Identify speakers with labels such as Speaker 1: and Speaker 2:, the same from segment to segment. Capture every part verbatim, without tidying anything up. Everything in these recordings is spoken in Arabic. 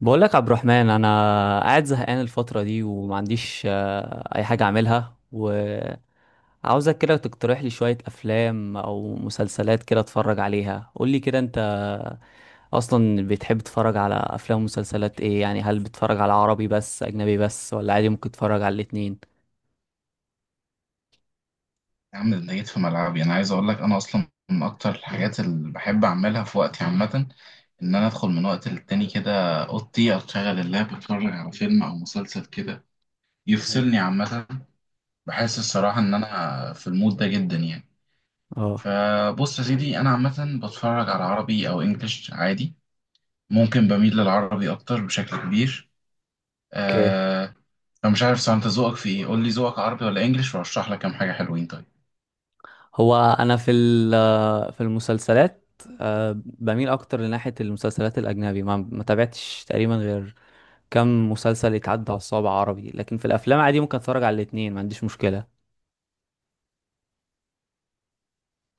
Speaker 1: بقول لك عبد الرحمن، انا قاعد زهقان الفتره دي وما عنديش، آه، اي حاجه اعملها. وعاوزك كده تقترح لي شويه افلام او مسلسلات كده اتفرج عليها. قول لي كده، انت اصلا بتحب تتفرج على افلام ومسلسلات ايه يعني؟ هل بتتفرج على عربي بس، اجنبي بس، ولا عادي ممكن تتفرج على الاتنين؟
Speaker 2: يا عم ده جيت في ملعبي. انا عايز اقول لك انا اصلا من اكتر الحاجات اللي بحب اعملها في وقتي عامه ان انا ادخل من وقت للتاني كده اوضتي، اشغل اللاب، اتفرج على فيلم او مسلسل كده
Speaker 1: مم.
Speaker 2: يفصلني عامه. بحس الصراحه ان انا في المود ده جدا يعني.
Speaker 1: اه.
Speaker 2: فبص يا سيدي، انا عامه بتفرج على عربي او انجليش عادي، ممكن بميل للعربي اكتر بشكل كبير.
Speaker 1: اوكي.
Speaker 2: آه، انا مش عارف سواء انت ذوقك في ايه، قول لي ذوقك عربي ولا انجليش وارشح لك كام حاجه حلوين. طيب
Speaker 1: هو انا في ال- آه، في المسلسلات، آه، بميل اكتر لناحيه المسلسلات الاجنبي. ما ما تابعتش تقريبا غير كم مسلسل يتعدى على الصوابع عربي، لكن في الافلام عادي ممكن اتفرج على الاثنين، ما عنديش مشكله.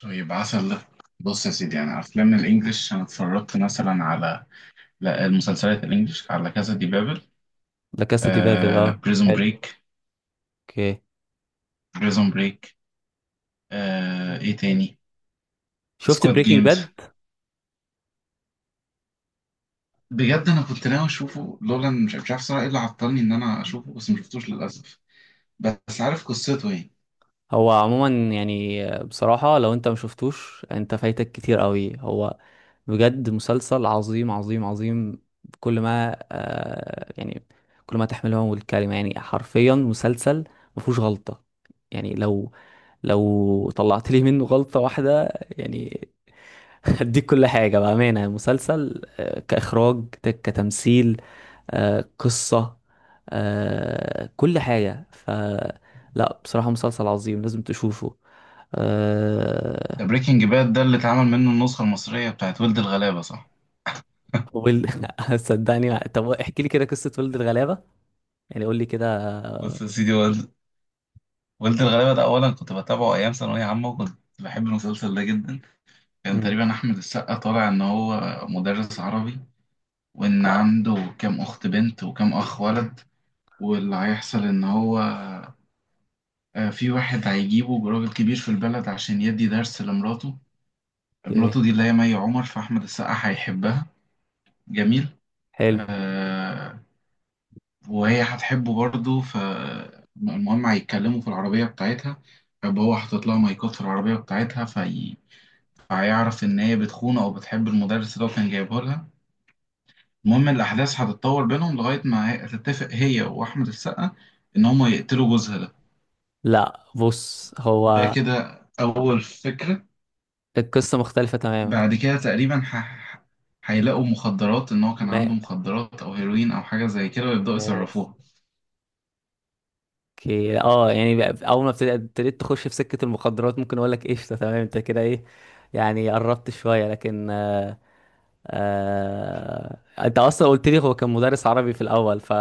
Speaker 2: طيب، عسل ده. بص يا سيدي، يعني افلام الانجليش انا اتفرجت مثلا على، لا، المسلسلات الانجليش، على كذا دي بابل،
Speaker 1: لا، كاسا دي بابل،
Speaker 2: آه،
Speaker 1: اه.
Speaker 2: بريزون
Speaker 1: حلو.
Speaker 2: بريك.
Speaker 1: اوكي.
Speaker 2: بريزون بريك آه، ايه تاني،
Speaker 1: شفت
Speaker 2: سكواد
Speaker 1: بريكنج
Speaker 2: جيمز.
Speaker 1: باد؟
Speaker 2: بجد انا كنت ناوي اشوفه لولا إن مش مش عارف صراحه ايه اللي عطلني ان انا اشوفه، بس ما شفتوش للاسف. بس عارف قصته ايه.
Speaker 1: هو عموما يعني بصراحه، لو انت ما شفتوش انت فايتك كتير قوي. هو بجد مسلسل عظيم عظيم عظيم. كل ما آه يعني كل ما تحمله الكلمه، يعني حرفيا مسلسل ما فيهوش غلطه. يعني لو لو طلعت لي منه غلطه واحده يعني هديك كل حاجة بأمانة. مسلسل، آه، كإخراج، ت- كتمثيل، آه، قصة، آه، كل حاجة. ف لا بصراحة مسلسل عظيم، لازم تشوفه آه،
Speaker 2: ده بريكنج باد ده اللي اتعمل منه النسخه المصريه بتاعت ولد الغلابه، صح؟
Speaker 1: ويل صدقني. طب احكي لي كده قصة ولد الغلابة، يعني قول لي كده.
Speaker 2: بص يا سيدي، هو ولد الغلابة ده أولا كنت بتابعه أيام ثانوية عامة وكنت بحب المسلسل ده جدا. كان
Speaker 1: مم.
Speaker 2: تقريبا أحمد السقا طالع إن هو مدرس عربي، وإن
Speaker 1: آه.
Speaker 2: عنده كام أخت بنت وكام أخ ولد. واللي هيحصل إن هو، آه، في واحد هيجيبه راجل كبير في البلد عشان يدي درس لمراته.
Speaker 1: اوكي.
Speaker 2: مراته دي اللي هي مي عمر، فأحمد السقا هيحبها. جميل.
Speaker 1: حلو.
Speaker 2: آه، وهي هتحبه برضه. فالمهم هيتكلموا في العربية بتاعتها، فهو حاطط لها مايكات في العربية بتاعتها، في، فهيعرف إن هي بتخونه أو بتحب المدرس اللي هو كان جايبه لها. المهم الأحداث هتتطور بينهم لغاية ما هي- هتتفق هي وأحمد السقا إن هما يقتلوا جوزها ده.
Speaker 1: لا بص،
Speaker 2: ده
Speaker 1: هو
Speaker 2: كده أول فكرة.
Speaker 1: القصة مختلفة تماما.
Speaker 2: بعد كده تقريبا ح... هيلاقوا مخدرات، إن هو كان
Speaker 1: ما
Speaker 2: عنده مخدرات أو هيروين أو حاجة زي كده، ويبدأوا
Speaker 1: ماشي.
Speaker 2: يصرفوها.
Speaker 1: اوكي اه. يعني بقى- اول ما ابتديت ابتديت تخش في سكة المخدرات، ممكن اقول لك قشطة تمام، انت كده ايه يعني قربت شوية، لكن آه آه انت اصلا قلت لي هو كان مدرس عربي في الاول، ف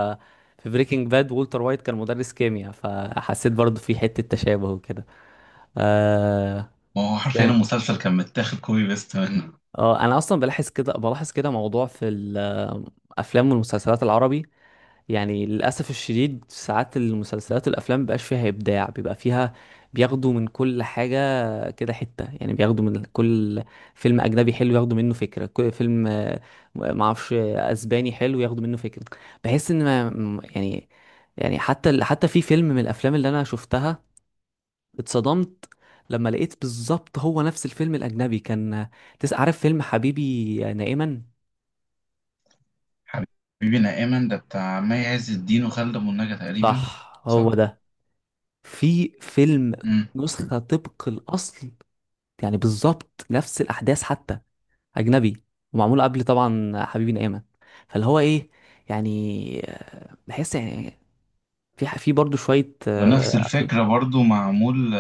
Speaker 1: في بريكنج باد والتر وايت كان مدرس كيمياء، فحسيت برضو في حتة تشابه وكده آه
Speaker 2: ما هو حرفيا
Speaker 1: ثاني
Speaker 2: المسلسل كان متاخد كوبي بيست منه.
Speaker 1: اه، انا اصلا بلاحظ كده، بلاحظ كده موضوع في الافلام والمسلسلات العربي. يعني للأسف الشديد ساعات المسلسلات والأفلام مبيبقاش فيها إبداع، بيبقى فيها بياخدوا من كل حاجة كده حتة. يعني بياخدوا من كل فيلم أجنبي حلو ياخدوا منه فكرة، كل فيلم آه، معرفش، آه، أسباني حلو ياخدوا منه فكرة. بحس إن ما م- يعني، يعني حتى ال- حتى في فيلم من الأفلام اللي أنا شفتها اتصدمت لما لقيت بالظبط هو نفس الفيلم الأجنبي. كان تس- عارف فيلم حبيبي نائما؟
Speaker 2: حبيبنا أيمن ده بتاع مي عز الدين وخالد أبو النجا تقريبا.
Speaker 1: صح، هو
Speaker 2: صح؟
Speaker 1: ده. في فيلم
Speaker 2: مم.
Speaker 1: نسخة طبق الأصل، يعني بالظبط نفس الأحداث، حتى أجنبي ومعمول قبل طبعا حبيبي نقامة. فاللي هو إيه يعني، آه، بحس يعني في ح- في برضه شوية
Speaker 2: ونفس
Speaker 1: آه، أفلام،
Speaker 2: الفكرة برضو معمول،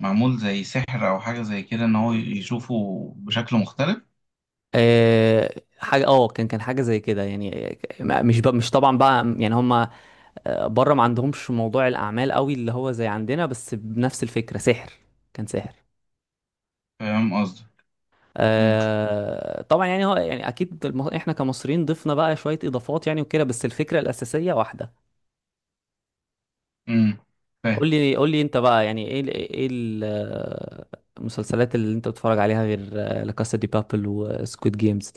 Speaker 2: معمول زي سحر او حاجه زي كده، ان هو يشوفه بشكل مختلف.
Speaker 1: آه، حاجة اه، كان كان حاجة زي كده يعني. آه، ما- مش بقى، مش طبعا بقى يعني هما، آه، بره ما عندهمش موضوع الأعمال قوي اللي هو زي عندنا، بس بنفس الفكرة سحر، كان سحر.
Speaker 2: فاهم قصدي. امم
Speaker 1: آه طبعا، يعني هو يعني اكيد الم- احنا كمصريين ضفنا بقى شويه اضافات يعني وكده، بس الفكره الاساسيه واحده.
Speaker 2: امم فاهم.
Speaker 1: قول لي قول لي انت بقى يعني ايه ال- ايه ال- آه، المسلسلات اللي انت بتتفرج عليها غير آه، لا كاسا دي بابل وسكويد جيمز؟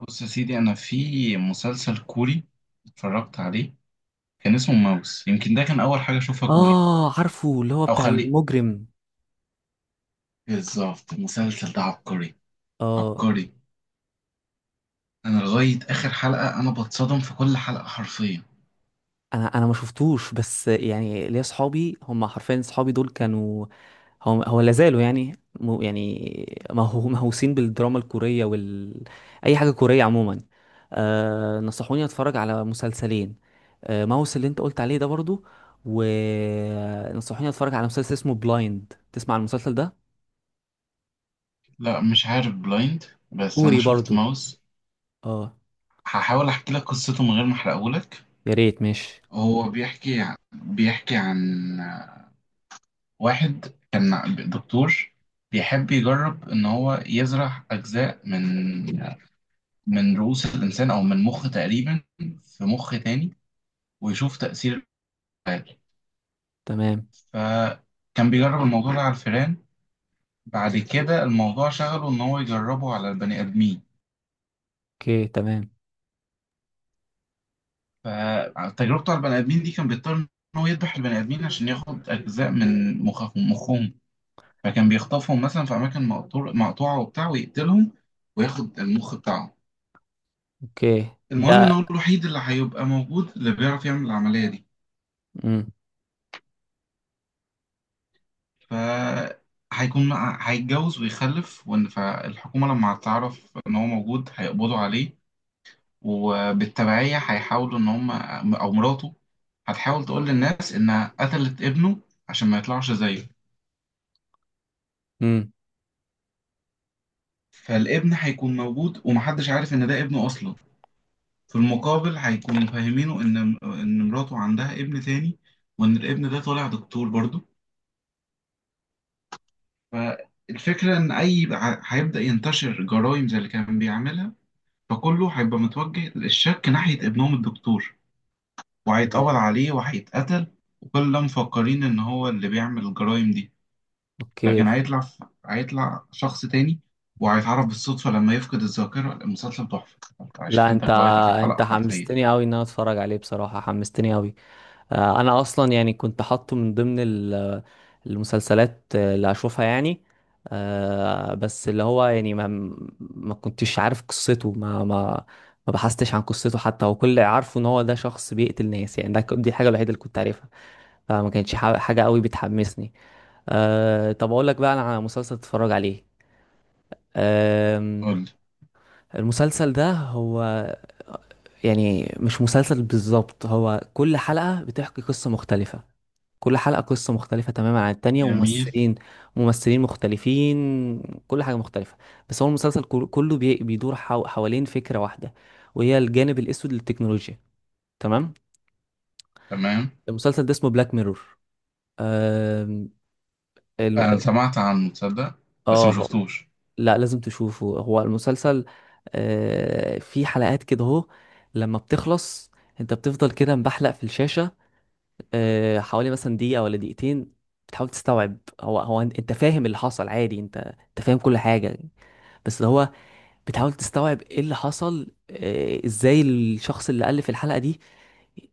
Speaker 2: بص يا سيدي، انا في مسلسل كوري اتفرجت عليه، كان اسمه ماوس. يمكن ده كان اول حاجه اشوفها كوري،
Speaker 1: اه، عارفه، اللي هو
Speaker 2: او
Speaker 1: بتاع
Speaker 2: خليه.
Speaker 1: المجرم.
Speaker 2: بالظبط المسلسل ده عبقري،
Speaker 1: اه،
Speaker 2: عبقري. انا لغايه اخر حلقه انا بتصدم في كل حلقه حرفيا.
Speaker 1: انا انا ما شفتوش، بس يعني ليا صحابي هم حرفيا صحابي دول كانوا، هو هو لا زالوا يعني مو- يعني مهو- مهووسين بالدراما الكورية وال اي حاجة كورية عموما. آه، نصحوني اتفرج على مسلسلين: آه ماوس اللي انت قلت عليه ده برضو، ونصحوني اتفرج على مسلسل اسمه بلايند. تسمع عن المسلسل ده؟
Speaker 2: لا، مش عارف بلايند، بس انا
Speaker 1: كوري
Speaker 2: شفت
Speaker 1: برضو
Speaker 2: ماوس.
Speaker 1: اه.
Speaker 2: هحاول احكي لك قصته من غير ما احرقهولك.
Speaker 1: يا ريت، ماشي.
Speaker 2: هو بيحكي بيحكي عن واحد كان ع- دكتور، بيحب يجرب إن هو يزرع أجزاء من، من رؤوس الإنسان أو من مخ تقريبا، في مخ تاني، ويشوف تأثير العلاج.
Speaker 1: تمام.
Speaker 2: فكان بيجرب الموضوع ده على الفئران. بعد كده الموضوع شغله إن هو يجربه على البني آدمين.
Speaker 1: اوكي تمام.
Speaker 2: فتجربته على البني آدمين دي كان بيضطر إن هو يذبح البني آدمين عشان ياخد أجزاء من مخهم مخهم. فكان بيخطفهم مثلا في أماكن مقطور- مقطوعة وبتاع، ويقتلهم وياخد المخ بتاعهم.
Speaker 1: اوكي
Speaker 2: المهم ان
Speaker 1: ده
Speaker 2: هو الوحيد اللي هيبقى موجود اللي بيعرف يعمل العملية دي.
Speaker 1: امم
Speaker 2: ف، هيكون، هيتجوز ويخلف، وان فالحكومة لما هتعرف ان هو موجود هيقبضوا عليه. وبالتبعية هيحاولوا ان هم، او مراته هتحاول تقول للناس انها قتلت ابنه عشان ما يطلعش زيه.
Speaker 1: امم
Speaker 2: فالابن هيكون موجود ومحدش عارف ان ده ابنه اصلا. في المقابل هيكونوا فاهمينه ان، ان مراته عندها ابن تاني، وان الابن ده طالع دكتور برضه. فالفكرة إن أي ع- هيبدأ ينتشر جرائم زي اللي كان بيعملها، فكله هيبقى متوجه للشك ناحية ابنهم الدكتور، وهيتقبض عليه وهيتقتل، وكل ده مفكرين إن هو اللي بيعمل الجرائم دي.
Speaker 1: اوكي.
Speaker 2: لكن هيطلع ف- هيطلع شخص تاني، وهيتعرف بالصدفة لما يفقد الذاكرة. المسلسل تحفة، أنت
Speaker 1: لا انت
Speaker 2: هشدك لغاية آخر حلقة
Speaker 1: انت
Speaker 2: حرفيا.
Speaker 1: حمستني قوي ان انا اتفرج عليه، بصراحة حمستني قوي. آه، انا اصلا يعني كنت حاطه من ضمن ال- المسلسلات اللي هشوفها يعني. آه، بس اللي هو يعني ما ما كنتش عارف قصته ما ما ما بحثتش عن قصته حتى. هو كل اللي عارفه ان هو ده شخص بيقتل ناس يعني، ده ك- دي الحاجة الوحيدة اللي كنت عارفها، فما كانتش ح- حاجة قوي بتحمسني. أه طب اقول لك بقى انا على مسلسل تتفرج عليه.
Speaker 2: قول.
Speaker 1: المسلسل ده هو يعني مش مسلسل بالظبط، هو كل حلقة بتحكي قصة مختلفة. كل حلقة قصة مختلفة تماما عن التانية،
Speaker 2: جميل.
Speaker 1: وممثلين ممثلين مختلفين، كل حاجة مختلفة. بس هو المسلسل كل- كله بي- بيدور حو- حوالين فكرة واحدة، وهي الجانب الأسود للتكنولوجيا. تمام.
Speaker 2: تمام.
Speaker 1: المسلسل ده اسمه بلاك ميرور.
Speaker 2: أنا سمعت عنه، تصدق، بس ما
Speaker 1: اه.
Speaker 2: شفتوش.
Speaker 1: لا لازم تشوفه. هو المسلسل آه، في حلقات كده اهو لما بتخلص انت بتفضل كده مبحلق في الشاشة آه، حوالي مثلا دقيقة ولا دقيقتين. بتحاول تستوعب، هو هو انت، أنت فاهم اللي حصل عادي، انت انت فاهم كل حاجة، بس اللي هو بتحاول تستوعب ايه اللي حصل. آه، ازاي الشخص اللي ألف الحلقة دي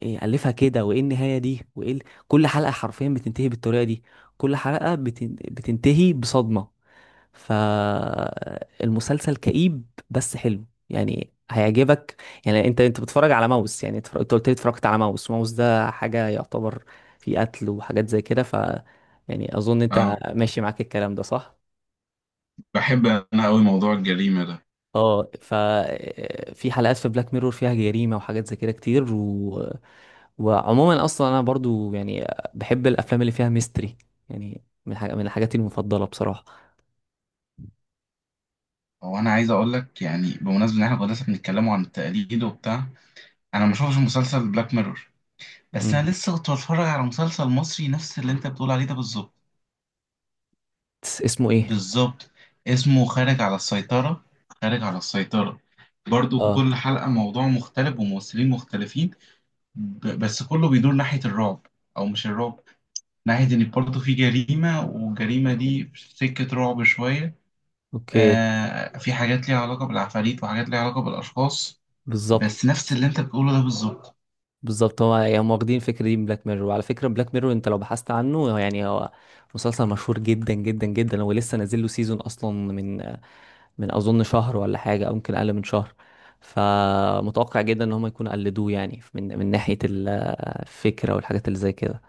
Speaker 1: إيه ألفها كده، وإيه النهاية دي، وإيه ال... كل حلقة حرفيا بتنتهي بالطريقة دي. كل حلقة بتن... بتنتهي بصدمة. فالمسلسل كئيب بس حلو، يعني هيعجبك. يعني انت انت بتتفرج على ماوس يعني، اتفرج- انت قلت لي اتفرجت على ماوس. ماوس ده حاجة يعتبر فيه قتل وحاجات زي كده، ف يعني اظن انت
Speaker 2: أه،
Speaker 1: ماشي معاك الكلام ده صح؟
Speaker 2: بحب أنا أوي موضوع الجريمة ده.
Speaker 1: اه، ف في حلقات في بلاك ميرور فيها جريمة وحاجات زي كده كتير و... وعموما اصلا انا برضو يعني بحب الافلام اللي فيها ميستري، يعني من حاجة من حاجاتي المفضلة بصراحة.
Speaker 2: هو انا عايز اقول لك، يعني بمناسبه ان احنا كنا لسه بنتكلموا عن التقليد وبتاع، انا ما شفتش مسلسل بلاك ميرور، بس
Speaker 1: مم.
Speaker 2: انا لسه كنت بتفرج على مسلسل مصري نفس اللي انت بتقول عليه ده بالظبط.
Speaker 1: اسمه ايه؟
Speaker 2: بالظبط. اسمه خارج على السيطره. خارج على السيطره برضو
Speaker 1: اه.
Speaker 2: كل حلقه موضوع مختلف وممثلين مختلفين. ب- بس كله بيدور ناحيه الرعب، او مش الرعب، ناحيه ان برضو في جريمه، والجريمه دي في سكه رعب شويه.
Speaker 1: اوكي.
Speaker 2: آه، في حاجات ليها علاقه بالعفاريت وحاجات ليها علاقه بالاشخاص.
Speaker 1: بالظبط،
Speaker 2: بس نفس اللي انت بتقوله ده بالظبط.
Speaker 1: بالظبط، هو يعني هم واخدين الفكره دي من بلاك ميرور. وعلى فكره بلاك ميرور انت لو بحثت عنه يعني، هو مسلسل مشهور جدا جدا جدا. هو لسه نازل له سيزون اصلا من من اظن شهر، ولا حاجه، او يمكن اقل من شهر. فمتوقع جدا ان هم يكونوا قلدوه يعني من من ناحيه ال- الفكره والحاجات اللي زي كده.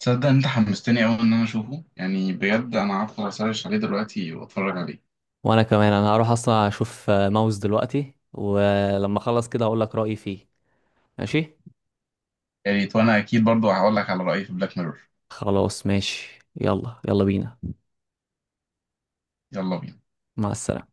Speaker 2: تصدق انت حمستني قوي ان انا اشوفه، يعني بجد انا هدخل اسرش عليه دلوقتي واتفرج عليه.
Speaker 1: وانا كمان، انا هروح اصلا اشوف ماوس دلوقتي، ولما اخلص كده هقول لك رايي فيه. ماشي.
Speaker 2: يا ريت، وانا اكيد برضو هقول لك على رأيي في بلاك ميرور.
Speaker 1: خلاص ماشي، يلا يلا بينا.
Speaker 2: يلا بينا.
Speaker 1: مع السلامه.